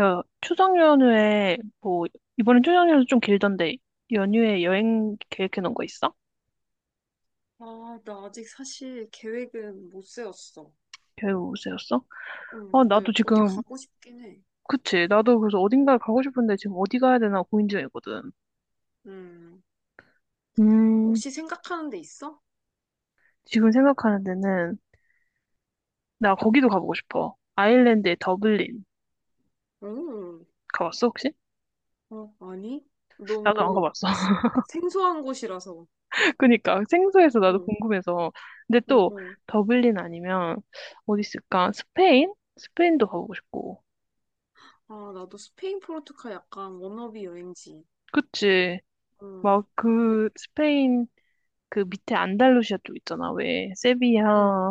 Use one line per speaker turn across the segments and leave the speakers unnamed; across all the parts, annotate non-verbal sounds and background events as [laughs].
야, 추석 연휴에 뭐 이번엔 추석 연휴 좀 길던데 연휴에 여행 계획해 놓은 거 있어?
아, 나 아직 사실 계획은 못 세웠어.
계획 세웠어?
응,
아
근데
나도
어디
지금
가고 싶긴 해.
그치 나도 그래서
응.
어딘가 가고 싶은데 지금 어디 가야 되나 고민 중이거든.
음,
음
혹시 생각하는 데 있어?
지금 생각하는 데는 나 거기도 가보고 싶어. 아일랜드의 더블린
응,
가봤어 혹시?
어, 아니?
나도 안
너무
가봤어.
생소한 곳이라서.
[laughs] 그니까 생소해서 나도
응,
궁금해서. 근데
응,
또
응.
더블린 아니면 어디 있을까? 스페인? 스페인도 가보고 싶고.
아, 나도 스페인 포르투갈 약간 워너비 여행지.
그치.
응,
막
근데-
그 스페인 그 밑에 안달루시아 쪽 있잖아. 왜 세비야,
응,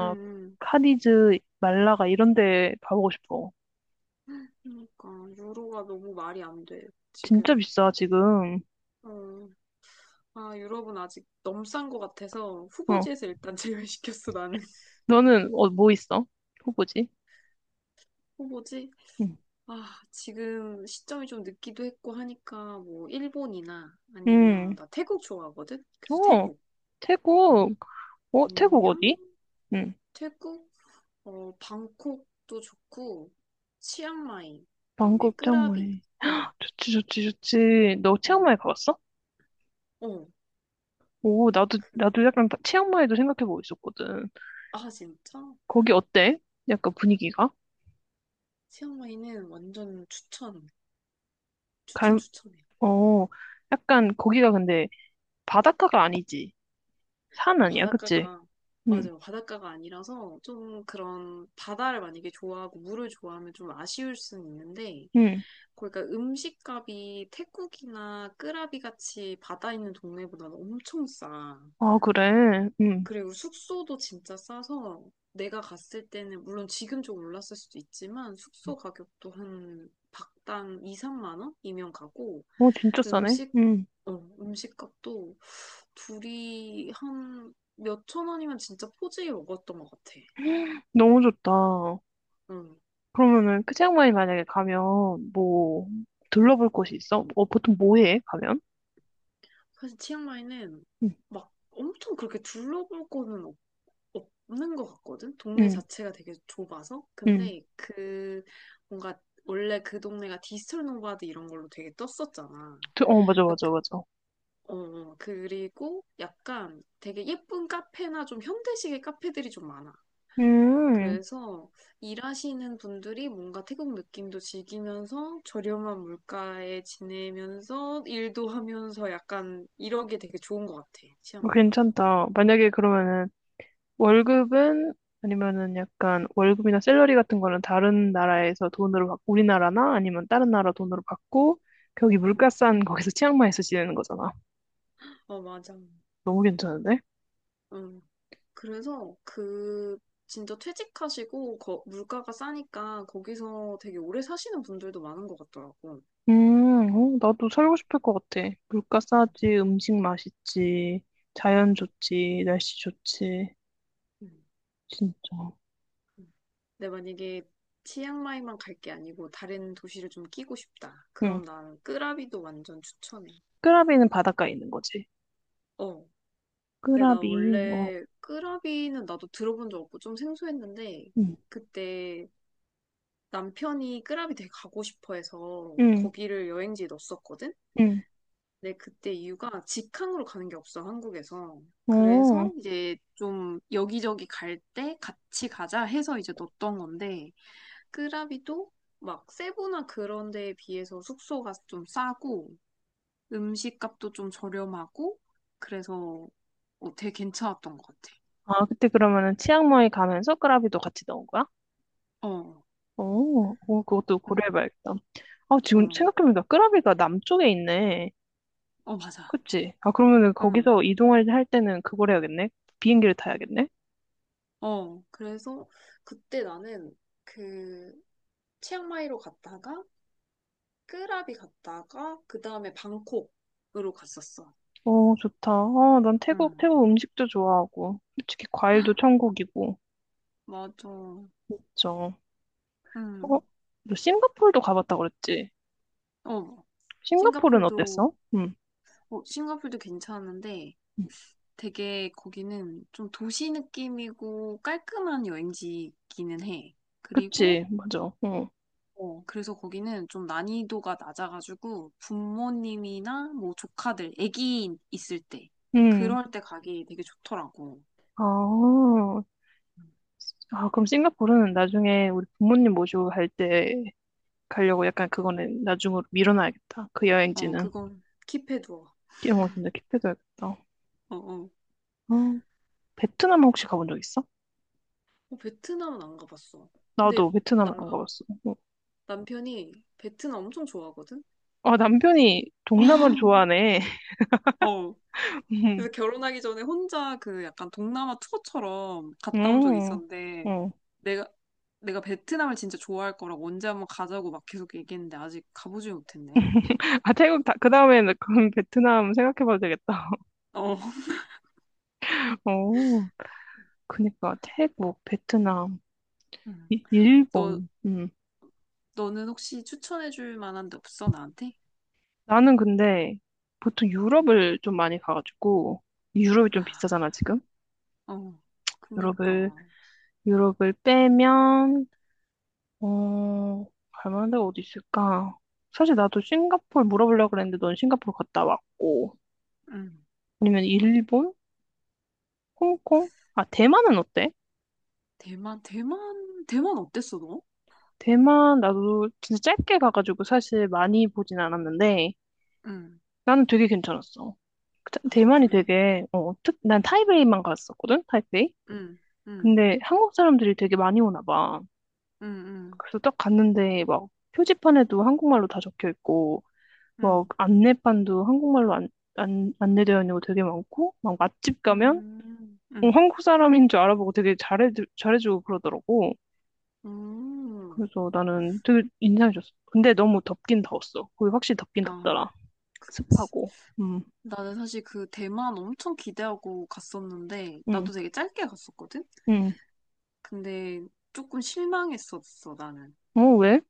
응, 응.
카디즈, 말라가 이런 데 가보고 싶어.
그러니까 유로가 너무 말이 안 돼,
진짜
지금.
비싸 지금.
어, 아, 유럽은 아직 넘싼 것 같아서
어,
후보지에서 일단 제외시켰어, 나는. [laughs]
너는 어, 뭐 있어? 후보지?
후보지?
응.
아, 지금 시점이 좀 늦기도 했고 하니까 뭐 일본이나 아니면
음.
나 태국 좋아하거든. 그래서
어,
태국. 응.
태국. 어, 태국
아니면
어디? 응.
태국 어 방콕도 좋고 치앙마이 그다음에
방콕
끄라비.
치앙마이.
어.
좋지, 좋지, 좋지. 너
어.
치앙마이 가봤어?
어.
오, 나도
그,
나도 약간 치앙마이도 생각해보고 있었거든.
아 진짜?
거기 어때? 약간 분위기가?
치앙마이는 완전 추천. 추천 추천해.
어, 약간 거기가 근데 바닷가가 아니지. 산
어,
아니야, 그치?
바닷가가,
응,
맞아요. 바닷가가 아니라서 좀 그런 바다를 만약에 좋아하고 물을 좋아하면 좀 아쉬울 수는 있는데,
응.
그러니까 음식값이 태국이나 끄라비 같이 바다 있는 동네보다는 엄청 싸.
아, 그래. 응.
그리고 숙소도 진짜 싸서 내가 갔을 때는 물론 지금 좀 올랐을 수도 있지만 숙소 가격도 한 박당 2, 3만 원이면 가고
어, 진짜 싸네.
음식,
응.
어, 음식값도 둘이 한 몇천 원이면 진짜 포지게 먹었던 것 같아.
너무 좋다.
응.
그러면은 그 치앙마이 만약에 가면 뭐 둘러볼 곳이 있어? 어, 보통 뭐 해? 가면?
사실 치앙마이는
응,
막 엄청 그렇게 둘러볼 거는 없는 것 같거든? 동네
응,
자체가 되게 좁아서.
응.
근데 그 뭔가 원래 그 동네가 디지털 노마드 이런 걸로 되게 떴었잖아.
어, 맞아,
그래서
맞아, 맞아.
어, 그리고 약간 되게 예쁜 카페나 좀 현대식의 카페들이 좀 많아.
음,
그래서 일하시는 분들이 뭔가 태국 느낌도 즐기면서 저렴한 물가에 지내면서 일도 하면서 약간 이러게 되게 좋은 것 같아,
어,
치앙마이가.
괜찮다. 만약에 그러면은 월급은 아니면은 약간 월급이나 샐러리 같은 거는 다른 나라에서 돈으로 받고 우리나라나 아니면 다른 나라 돈으로 받고 거기 물가
응.
싼 거기서 치앙마이에서 지내는 거잖아.
어, 맞아.
너무 괜찮은데?
응. 그래서 그 진짜 퇴직하시고 물가가 싸니까 거기서 되게 오래 사시는 분들도 많은 것 같더라고.
어, 나도
응.
살고 싶을 것 같아. 물가
응.
싸지, 음식 맛있지, 자연 좋지, 날씨 좋지, 진짜.
응. 근데 만약에 치앙마이만 갈 게 아니고 다른 도시를 좀 끼고 싶다.
응.
그럼 난 끄라비도 완전 추천해.
끄라비는 바닷가에 있는 거지.
어. 근데 나
끄라비, 어,
원래 끄라비는 나도 들어본 적 없고 좀 생소했는데
응,
그때 남편이 끄라비 되게 가고 싶어 해서
응,
거기를 여행지에 넣었었거든?
응,
근데 그때 이유가 직항으로 가는 게 없어, 한국에서.
어.
그래서 이제 좀 여기저기 갈 때 같이 가자 해서 이제 넣었던 건데 끄라비도 막 세부나 그런 데에 비해서 숙소가 좀 싸고 음식값도 좀 저렴하고 그래서 어, 되게 괜찮았던 것 같아.
아, 그때 그러면은 치앙마이 가면서 끄라비도 같이 넣은 거야?
어,
오, 오, 그것도
응,
고려해봐야겠다. 아, 지금
응,
생각해보니까 끄라비가 남쪽에 있네.
어, 맞아.
그치? 아, 그러면은
응,
거기서 이동할 할 때는 그걸 해야겠네? 비행기를 타야겠네?
어, 그래서 그때 나는 그 치앙마이로 갔다가 끄라비 갔다가 그 다음에 방콕으로 갔었어.
오, 좋다. 아, 난 태국,
응,
태국 음식도 좋아하고, 솔직히 과일도 천국이고,
맞아.
그쵸? 어?
응,
너 싱가포르도 가봤다 그랬지?
어,
싱가포르는
싱가폴도,
어땠어? 응.
어, 싱가폴도 괜찮은데
응.
되게 거기는 좀 도시 느낌이고 깔끔한 여행지기는 해. 그리고
그치, 맞아. 응.
어, 그래서 거기는 좀 난이도가 낮아가지고 부모님이나 뭐 조카들, 애기 있을 때
응.
그럴 때 가기 되게 좋더라고.
아, 아, 그럼 싱가포르는 나중에 우리 부모님 모시고 갈때 가려고 약간 그거는 나중으로 밀어놔야겠다. 그
어,
여행지는.
그건 킵해두어.
영어 진짜 킵해둬야겠다.
어, 어.
어, 베트남 혹시 가본 적 있어?
어, 베트남은 안 가봤어.
나도
근데 나,
베트남을 안 가봤어. 어.
남편이 베트남 엄청 좋아하거든?
아, 남편이 동남아를
[laughs]
좋아하네.
어.
[laughs] 음,
그래서 결혼하기 전에 혼자 그 약간 동남아 투어처럼 갔다 온 적이
음.
있었는데
어.
내가 내가 베트남을 진짜 좋아할 거라고 언제 한번 가자고 막 계속 얘기했는데 아직 가보지 못했네.
아, 태국, 다, 그 다음에는 그럼 베트남 생각해봐도 되겠다.
어.
[laughs] 어, 그니까 태국, 베트남,
너,
일본. 음.
너는 혹시 추천해줄 만한 데 없어, 나한테?
나는 근데 보통 유럽을 좀 많이 가가지고, 유럽이
아,
좀 비싸잖아, 지금?
어,
유럽을,
그니까.
유럽을 빼면 어, 갈 만한 데가 어디 있을까? 사실 나도 싱가포르 물어보려고 그랬는데 넌 싱가포르 갔다 왔고.
응.
아니면 일본? 홍콩? 아, 대만은 어때?
대만, 대만, 대만 어땠어, 너?
대만 나도 진짜 짧게 가가지고 사실 많이 보진 않았는데
응.
나는 되게 괜찮았어.
아,
대만이
그래?
되게, 어, 특, 난
응.
타이베이만 갔었거든? 타이베이?
응, 응,
근데 한국 사람들이 되게 많이 오나 봐.
응, 응,
그래서 딱 갔는데 막 표지판에도 한국말로 다 적혀 있고 막
응,
안내판도 한국말로 안, 안, 안내되어 있는 거 되게 많고 막 맛집 가면
응,
어,
응.
한국 사람인 줄 알아보고 되게 잘해주고 그러더라고.
음.
그래서 나는 되게 인상이 좋았어. 근데 너무 덥긴 더웠어. 거기 확실히 덥긴
아,
덥더라.
그치.
습하고. 음,
나는 사실 그 대만 엄청 기대하고 갔었는데,
음,
나도 되게 짧게 갔었거든?
음.
근데 조금 실망했었어, 나는.
어, 왜?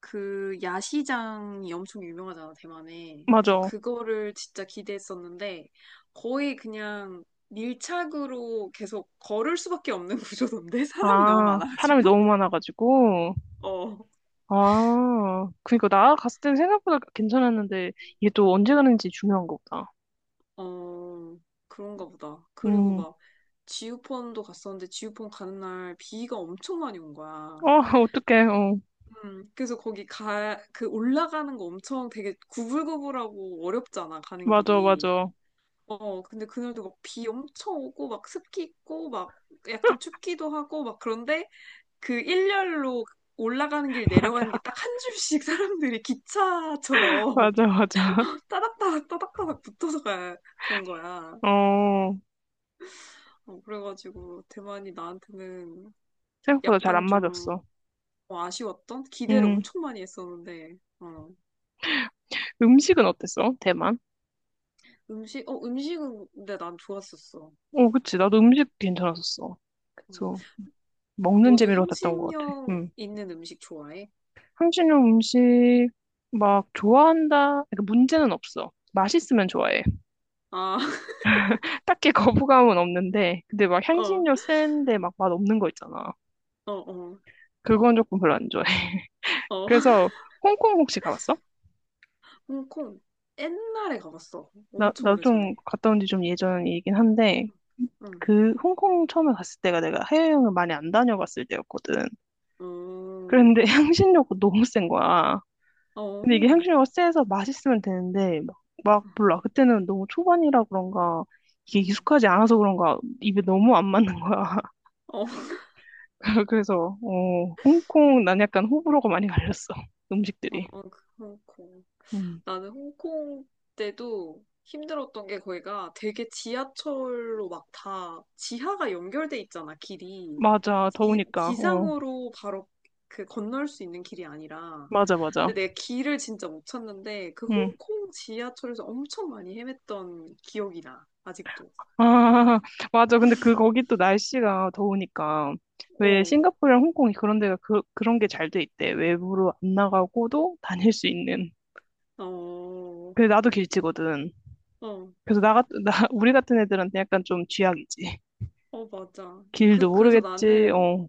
그 야시장이 엄청 유명하잖아, 대만에. 그래서
맞아.
그거를 진짜 기대했었는데 거의 그냥 밀착으로 계속 걸을 수밖에 없는 [laughs] 구조던데 사람이 너무
아, 사람이
많아가지고.
너무
[laughs]
많아가지고.
어,
아, 그니까 나 갔을 때는 생각보다 괜찮았는데 이게 또 언제 가는지 중요한 거보다.
어, 그런가 보다. 그리고
음,
막 지우펀도 갔었는데 지우펀 가는 날 비가 엄청 많이 온 거야.
어, [laughs] 어떡해. 어,
그래서 거기 가, 그 올라가는 거 엄청 되게 구불구불하고 어렵잖아, 가는
맞아,
길이.
맞아.
어, 근데 그날도 막 비 엄청 오고 막 습기 있고 막 약간 춥기도 하고 막 그런데 그 일렬로 올라가는 길
[laughs]
내려가는 길
맞아.
딱 한 줄씩 사람들이 기차처럼
맞아, 맞아.
[laughs] 따닥따닥 따닥따닥 붙어서 가, 간 거야.
어,
어, 그래가지고 대만이 나한테는
생각보다 잘 안
약간 좀
맞았어.
어, 아쉬웠던 기대를
음,
엄청 많이 했었는데 어.
음식은 어땠어? 대만?
음식 어 음식은 근데 난 좋았었어.
어, 그치. 나도
음,
음식 괜찮았었어.
음.
그래서 먹는
너도
재미로 갔던 것 같아.
향신료
음.
있는 음식 좋아해?
한신형 음식 막 좋아한다. 그러니까 문제는 없어. 맛있으면 좋아해.
아, [laughs]
[laughs] 딱히 거부감은 없는데, 근데 막
어.
향신료 센데 막 맛 없는 거 있잖아.
어, 어,
그건 조금 별로 안 좋아해. [laughs]
어. [laughs]
그래서 홍콩 혹시 가봤어?
홍콩. 옛날에 가봤어. 엄청
나 좀
오래전에.
갔다 온지 좀 예전이긴 한데,
응.
그 홍콩 처음에 갔을 때가 내가 해외여행을 많이 안 다녀봤을 때였거든.
어
그런데 [laughs] 향신료가 너무 센 거야. 근데 이게
어.
향신료가 세서 맛있으면 되는데 막, 막 몰라. 그때는 너무 초반이라 그런가 이게
응
익숙하지 않아서 그런가 입에 너무 안 맞는 거야.
어. [laughs]
[laughs] 그래서 어, 홍콩 난 약간 호불호가 많이 갈렸어.
어,
음식들이.
그 홍콩.
음.
나는 홍콩 때도 힘들었던 게 거기가 되게 지하철로 막 다 지하가 연결돼 있잖아, 길이.
맞아.
지,
더우니까. 어.
지상으로 바로 그 건널 수 있는 길이 아니라.
맞아 맞아.
근데 내가 길을 진짜 못 찾는데 그
음.
홍콩 지하철에서 엄청 많이 헤맸던 기억이 나, 아직도.
아, [laughs] 맞아. 근데 그, 거기 또 날씨가 더우니까. 왜
어,
싱가포르랑 홍콩이 그런 데가 그, 그런 게 잘 돼 있대. 외부로 안 나가고도 다닐 수 있는.
어,
그래, 나도 길치거든.
어,
그래서 [laughs] 나, 우리 같은 애들한테 약간 좀 쥐약이지.
어, 맞아.
길도
그래서
모르겠지.
나는
어.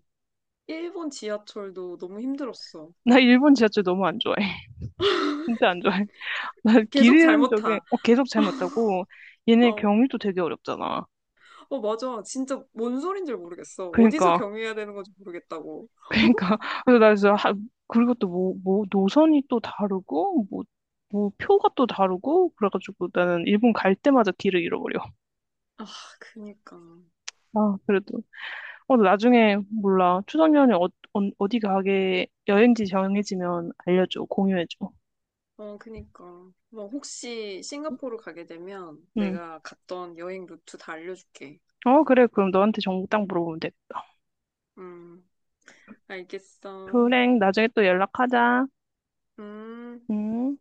일본 지하철도 너무 힘들었어.
나 일본 지하철 너무 안 좋아해. [laughs] 진짜 안 좋아해. 나 길
계속
잃은
잘못
적에,
타.
어, 계속 잘못 타고, 얘네
어.
경유도 되게 어렵잖아.
어, 맞아. 진짜 뭔 소린 지 모르겠어. 어디서
그러니까
경유해야 되는 건지 모르겠다고.
그러니까 [laughs] 그래서 나 진짜 하, 그리고 또 뭐 노선이 또 다르고 뭐 표가 또 다르고 그래가지고 나는 일본 갈 때마다 길을 잃어버려.
아, 그니까.
아 그래도 어 나중에 몰라 추석 연휴 어, 어디 가게 여행지 정해지면 알려줘 공유해줘.
어, 그니까. 뭐, 혹시 싱가포르 가게 되면
응.
내가 갔던 여행 루트 다 알려줄게.
어 그래 그럼 너한테 정보 딱 물어보면 되겠다.
음, 알겠어.
그래 나중에 또 연락하자.
음.
응.